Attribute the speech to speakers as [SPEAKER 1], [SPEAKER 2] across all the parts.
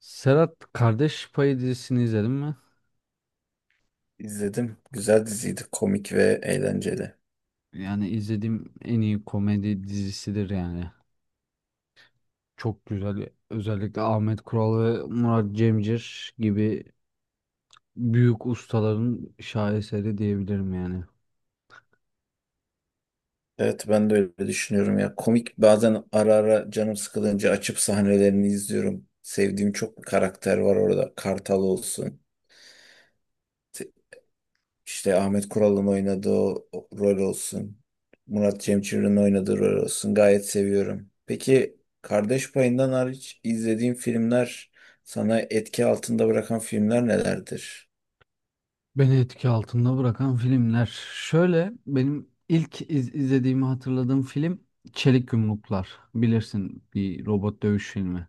[SPEAKER 1] Serhat, Kardeş Payı dizisini izledin mi?
[SPEAKER 2] İzledim. Güzel diziydi. Komik ve eğlenceli.
[SPEAKER 1] Yani izlediğim en iyi komedi dizisidir yani. Çok güzel. Özellikle Ahmet Kural ve Murat Cemcir gibi büyük ustaların şaheseri diyebilirim yani.
[SPEAKER 2] Evet ben de öyle düşünüyorum ya. Komik bazen ara ara canım sıkılınca açıp sahnelerini izliyorum. Sevdiğim çok karakter var orada. Kartal olsun. İşte Ahmet Kural'ın oynadığı o rol olsun. Murat Cemcir'in oynadığı rol olsun. Gayet seviyorum. Peki Kardeş Payı'ndan hariç izlediğin filmler sana etki altında bırakan filmler nelerdir?
[SPEAKER 1] Beni etki altında bırakan filmler. Şöyle benim ilk izlediğimi hatırladığım film Çelik Yumruklar. Bilirsin, bir robot dövüş filmi.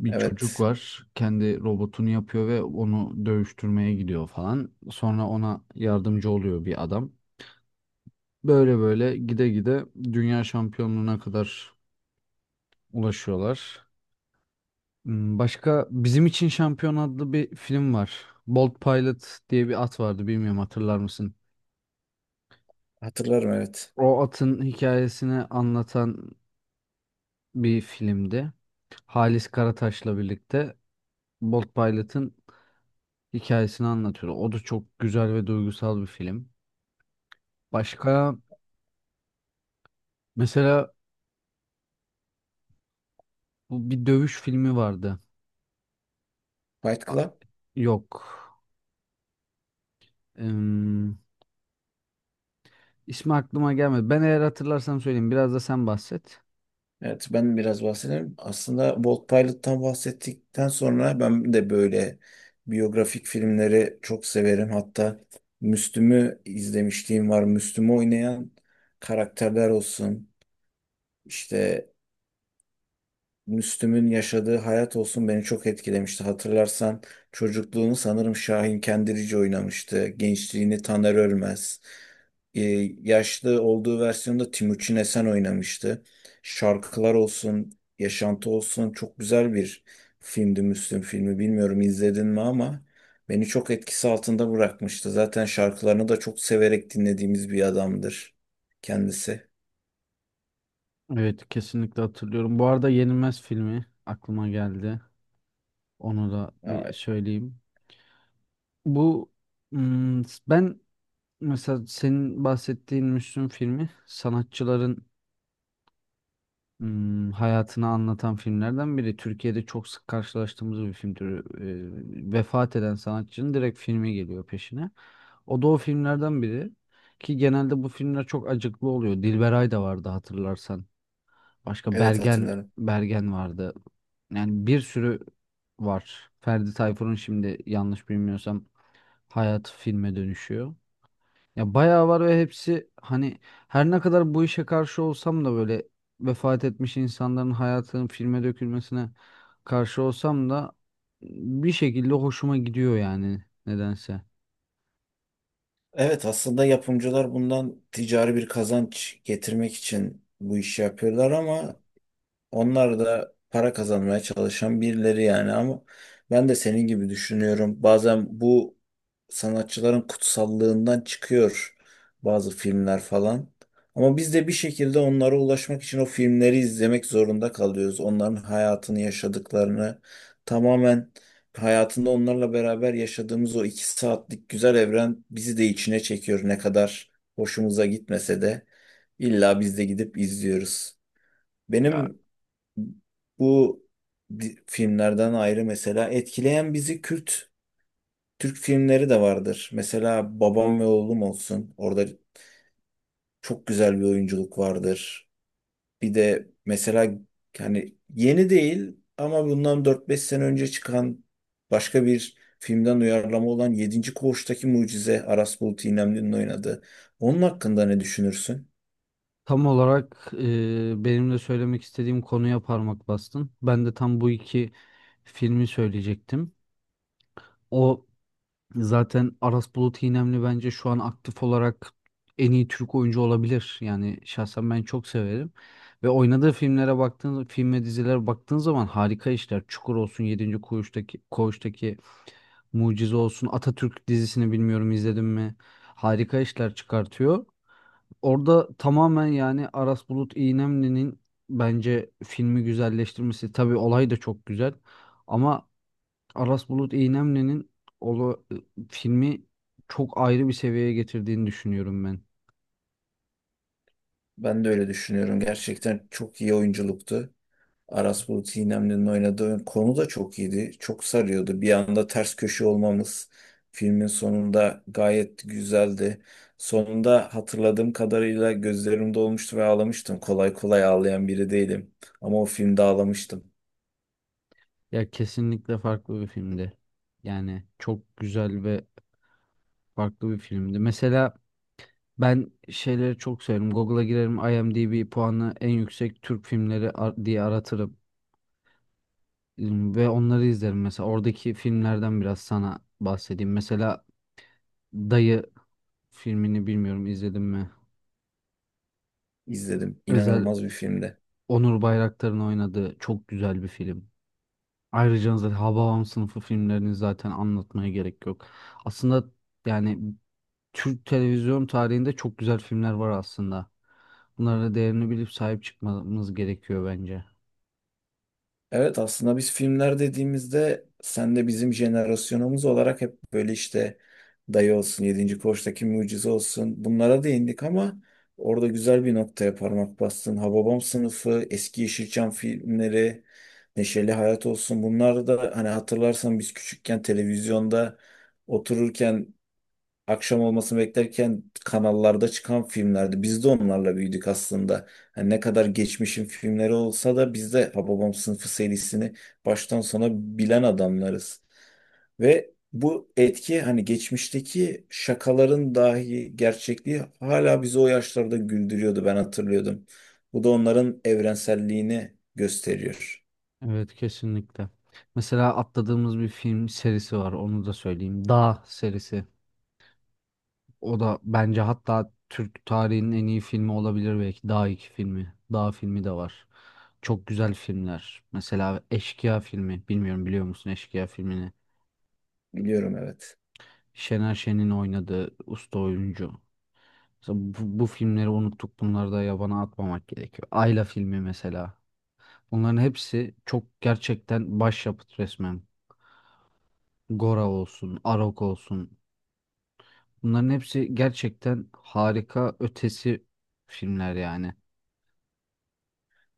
[SPEAKER 1] Bir çocuk
[SPEAKER 2] Evet.
[SPEAKER 1] var. Kendi robotunu yapıyor ve onu dövüştürmeye gidiyor falan. Sonra ona yardımcı oluyor bir adam. Böyle böyle gide gide dünya şampiyonluğuna kadar ulaşıyorlar. Başka, Bizim için Şampiyon adlı bir film var. Bolt Pilot diye bir at vardı, bilmiyorum, hatırlar mısın?
[SPEAKER 2] Hatırlarım evet.
[SPEAKER 1] O atın hikayesini anlatan bir filmdi. Halis Karataş'la birlikte Bolt Pilot'ın hikayesini anlatıyor. O da çok güzel ve duygusal bir film. Başka mesela bu bir dövüş filmi vardı.
[SPEAKER 2] Fight
[SPEAKER 1] A-
[SPEAKER 2] Club.
[SPEAKER 1] Yok. Em, ismi aklıma gelmedi. Ben eğer hatırlarsam söyleyeyim. Biraz da sen bahset.
[SPEAKER 2] Evet ben biraz bahsedeyim. Aslında Bolt Pilot'tan bahsettikten sonra ben de böyle biyografik filmleri çok severim. Hatta Müslüm'ü izlemişliğim var. Müslüm'ü oynayan karakterler olsun. İşte Müslüm'ün yaşadığı hayat olsun beni çok etkilemişti. Hatırlarsan çocukluğunu sanırım Şahin Kendirici oynamıştı. Gençliğini Taner Ölmez. Ee, Yaşlı olduğu versiyonda Timuçin Esen oynamıştı. Şarkılar olsun, yaşantı olsun çok güzel bir filmdi Müslüm filmi. Bilmiyorum izledin mi ama beni çok etkisi altında bırakmıştı. Zaten şarkılarını da çok severek dinlediğimiz bir adamdır kendisi.
[SPEAKER 1] Evet, kesinlikle hatırlıyorum. Bu arada Yenilmez filmi aklıma geldi. Onu da
[SPEAKER 2] Ya,
[SPEAKER 1] bir söyleyeyim. Bu hmm, ben Mesela senin bahsettiğin Müslüm filmi sanatçıların hayatını anlatan filmlerden biri. Türkiye'de çok sık karşılaştığımız bir film türü. Vefat eden sanatçının direkt filmi geliyor peşine. O da o filmlerden biri. Ki genelde bu filmler çok acıklı oluyor. Dilberay da vardı, hatırlarsan. Başka
[SPEAKER 2] evet
[SPEAKER 1] Bergen
[SPEAKER 2] hatırlarım.
[SPEAKER 1] Bergen vardı. Yani bir sürü var. Ferdi Tayfur'un şimdi yanlış bilmiyorsam hayatı filme dönüşüyor. Ya bayağı var ve hepsi hani her ne kadar bu işe karşı olsam da böyle vefat etmiş insanların hayatının filme dökülmesine karşı olsam da bir şekilde hoşuma gidiyor yani nedense.
[SPEAKER 2] Evet, aslında yapımcılar bundan ticari bir kazanç getirmek için bu işi yapıyorlar ama onlar da para kazanmaya çalışan birileri yani. Ama ben de senin gibi düşünüyorum. Bazen bu sanatçıların kutsallığından çıkıyor bazı filmler falan. Ama biz de bir şekilde onlara ulaşmak için o filmleri izlemek zorunda kalıyoruz. Onların hayatını yaşadıklarını tamamen hayatında onlarla beraber yaşadığımız o 2 saatlik güzel evren bizi de içine çekiyor, ne kadar hoşumuza gitmese de. İlla biz de gidip izliyoruz.
[SPEAKER 1] Ya,
[SPEAKER 2] Benim bu filmlerden ayrı mesela etkileyen bizi Kürt Türk filmleri de vardır. Mesela Babam ve Oğlum olsun. Orada çok güzel bir oyunculuk vardır. Bir de mesela yani yeni değil ama bundan dört beş sene önce çıkan başka bir filmden uyarlama olan Yedinci Koğuştaki Mucize, Aras Bulut İynemli'nin oynadığı. Onun hakkında ne düşünürsün?
[SPEAKER 1] tam olarak benim de söylemek istediğim konuya parmak bastın. Ben de tam bu iki filmi söyleyecektim. O Zaten Aras Bulut İynemli bence şu an aktif olarak en iyi Türk oyuncu olabilir. Yani şahsen ben çok severim. Ve oynadığı filmlere baktığın, film ve dizilere baktığın zaman harika işler. Çukur olsun, Yedinci Koğuş'taki Mucize olsun, Atatürk dizisini bilmiyorum izledim mi? Harika işler çıkartıyor. Orada tamamen yani Aras Bulut İynemli'nin bence filmi güzelleştirmesi. Tabii olay da çok güzel. Ama Aras Bulut İynemli'nin ola, filmi çok ayrı bir seviyeye getirdiğini düşünüyorum ben.
[SPEAKER 2] Ben de öyle düşünüyorum. Gerçekten çok iyi oyunculuktu. Aras Bulut İynemli'nin oynadığı konu da çok iyiydi. Çok sarıyordu. Bir anda ters köşe olmamız filmin sonunda gayet güzeldi. Sonunda hatırladığım kadarıyla gözlerim dolmuştu ve ağlamıştım. Kolay kolay ağlayan biri değilim. Ama o filmde ağlamıştım.
[SPEAKER 1] Ya kesinlikle farklı bir filmdi. Yani çok güzel ve farklı bir filmdi. Mesela ben şeyleri çok severim. Google'a girerim, IMDb puanı en yüksek Türk filmleri diye aratırım, ve onları izlerim. Mesela oradaki filmlerden biraz sana bahsedeyim. Mesela Dayı filmini bilmiyorum izledim mi?
[SPEAKER 2] İzledim.
[SPEAKER 1] Özel
[SPEAKER 2] İnanılmaz bir filmdi.
[SPEAKER 1] Onur Bayraktar'ın oynadığı çok güzel bir film. Ayrıca zaten Hababam Sınıfı filmlerini zaten anlatmaya gerek yok. Aslında yani Türk televizyon tarihinde çok güzel filmler var aslında. Bunlara değerini bilip sahip çıkmamız gerekiyor bence.
[SPEAKER 2] Evet, aslında biz filmler dediğimizde sen de bizim jenerasyonumuz olarak hep böyle işte Dayı olsun, Yedinci Koç'taki Mucize olsun bunlara değindik ama orada güzel bir noktaya parmak bastın. Hababam sınıfı, eski Yeşilçam filmleri, Neşeli Hayat olsun, bunlar da hani hatırlarsan biz küçükken televizyonda otururken akşam olmasını beklerken kanallarda çıkan filmlerdi. Biz de onlarla büyüdük aslında. Yani ne kadar geçmişin filmleri olsa da biz de Hababam Sınıfı serisini baştan sona bilen adamlarız. Ve bu etki, hani geçmişteki şakaların dahi gerçekliği hala bizi o yaşlarda güldürüyordu, ben hatırlıyordum. Bu da onların evrenselliğini gösteriyor.
[SPEAKER 1] Evet, kesinlikle. Mesela atladığımız bir film serisi var, onu da söyleyeyim. Dağ serisi. O da bence hatta Türk tarihinin en iyi filmi olabilir belki. Dağ iki filmi. Dağ filmi de var. Çok güzel filmler. Mesela Eşkıya filmi. Bilmiyorum, biliyor musun Eşkıya filmini?
[SPEAKER 2] Biliyorum, evet.
[SPEAKER 1] Şener Şen'in oynadığı usta oyuncu. Mesela bu filmleri unuttuk. Bunları da yabana atmamak gerekiyor. Ayla filmi mesela. Bunların hepsi çok gerçekten başyapıt resmen. Gora olsun, Arok olsun. Bunların hepsi gerçekten harika ötesi filmler yani.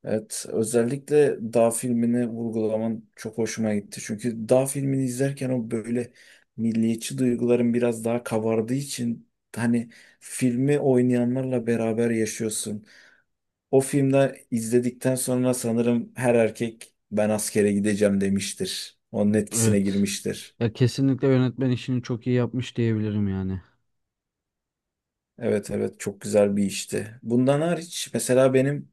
[SPEAKER 2] Evet, özellikle Dağ filmini vurgulaman çok hoşuma gitti. Çünkü Dağ filmini izlerken o böyle milliyetçi duyguların biraz daha kabardığı için hani filmi oynayanlarla beraber yaşıyorsun. O filmde izledikten sonra sanırım her erkek ben askere gideceğim demiştir. Onun etkisine
[SPEAKER 1] Evet.
[SPEAKER 2] girmiştir.
[SPEAKER 1] Ya, kesinlikle yönetmen işini çok iyi yapmış diyebilirim yani.
[SPEAKER 2] Evet, evet, çok güzel bir işti. Bundan hariç mesela benim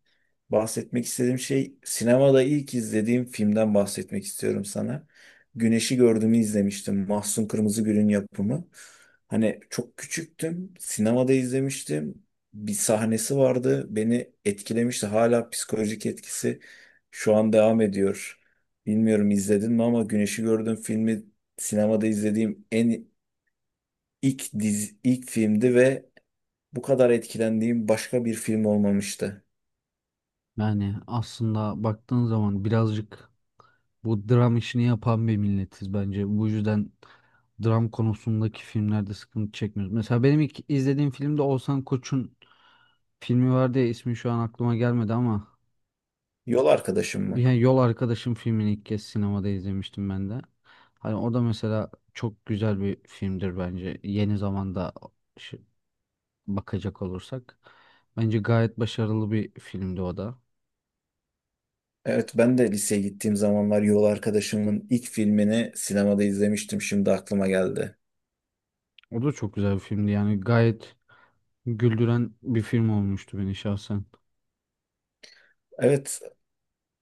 [SPEAKER 2] bahsetmek istediğim şey, sinemada ilk izlediğim filmden bahsetmek istiyorum sana. Güneşi Gördüğümü izlemiştim. Mahsun Kırmızıgül'ün yapımı. Hani çok küçüktüm. Sinemada izlemiştim. Bir sahnesi vardı. Beni etkilemişti. Hala psikolojik etkisi şu an devam ediyor. Bilmiyorum izledin mi ama Güneşi Gördüğüm filmi sinemada izlediğim en ilk dizi, ilk filmdi ve bu kadar etkilendiğim başka bir film olmamıştı.
[SPEAKER 1] Yani aslında baktığın zaman birazcık bu dram işini yapan bir milletiz bence. Bu yüzden dram konusundaki filmlerde sıkıntı çekmiyoruz. Mesela benim ilk izlediğim filmde Oğuzhan Koç'un filmi vardı ya, ismi şu an aklıma gelmedi ama
[SPEAKER 2] Yol Arkadaşım mı?
[SPEAKER 1] yani Yol Arkadaşım filmini ilk kez sinemada izlemiştim ben de. Hani o da mesela çok güzel bir filmdir bence. Yeni zamanda şi- bakacak olursak. Bence gayet başarılı bir filmdi o da.
[SPEAKER 2] Evet, ben de liseye gittiğim zamanlar Yol Arkadaşım'ın ilk filmini sinemada izlemiştim. Şimdi aklıma geldi.
[SPEAKER 1] O da çok güzel bir filmdi. Yani gayet güldüren bir film olmuştu beni şahsen.
[SPEAKER 2] Evet.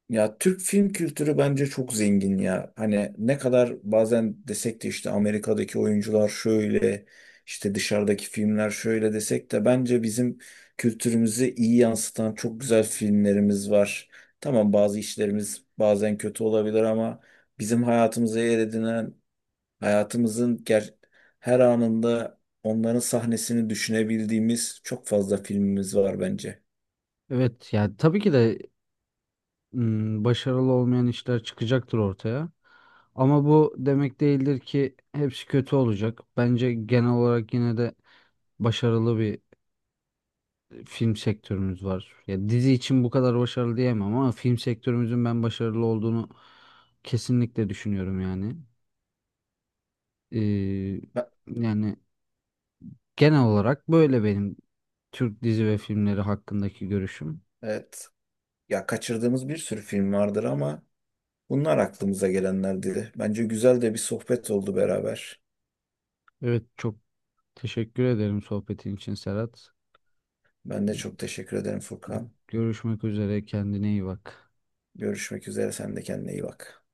[SPEAKER 2] Ya Türk film kültürü bence çok zengin ya. Hani ne kadar bazen desek de işte Amerika'daki oyuncular şöyle, işte dışarıdaki filmler şöyle desek de bence bizim kültürümüzü iyi yansıtan çok güzel filmlerimiz var. Tamam, bazı işlerimiz bazen kötü olabilir ama bizim hayatımıza yer edinen, hayatımızın her anında onların sahnesini düşünebildiğimiz çok fazla filmimiz var bence.
[SPEAKER 1] Evet, yani tabii ki de başarılı olmayan işler çıkacaktır ortaya. Ama bu demek değildir ki hepsi kötü olacak. Bence genel olarak yine de başarılı bir film sektörümüz var. Ya dizi için bu kadar başarılı diyemem ama film sektörümüzün ben başarılı olduğunu kesinlikle düşünüyorum yani. Ee,
[SPEAKER 2] Ha,
[SPEAKER 1] Yani genel olarak böyle benim Türk dizi ve filmleri hakkındaki görüşüm.
[SPEAKER 2] Evet. Ya kaçırdığımız bir sürü film vardır ama bunlar aklımıza gelenlerdi. Bence güzel de bir sohbet oldu beraber.
[SPEAKER 1] Evet, çok teşekkür ederim sohbetin için Serhat.
[SPEAKER 2] Ben de çok teşekkür ederim Furkan.
[SPEAKER 1] Görüşmek üzere, kendine iyi bak.
[SPEAKER 2] Görüşmek üzere. Sen de kendine iyi bak.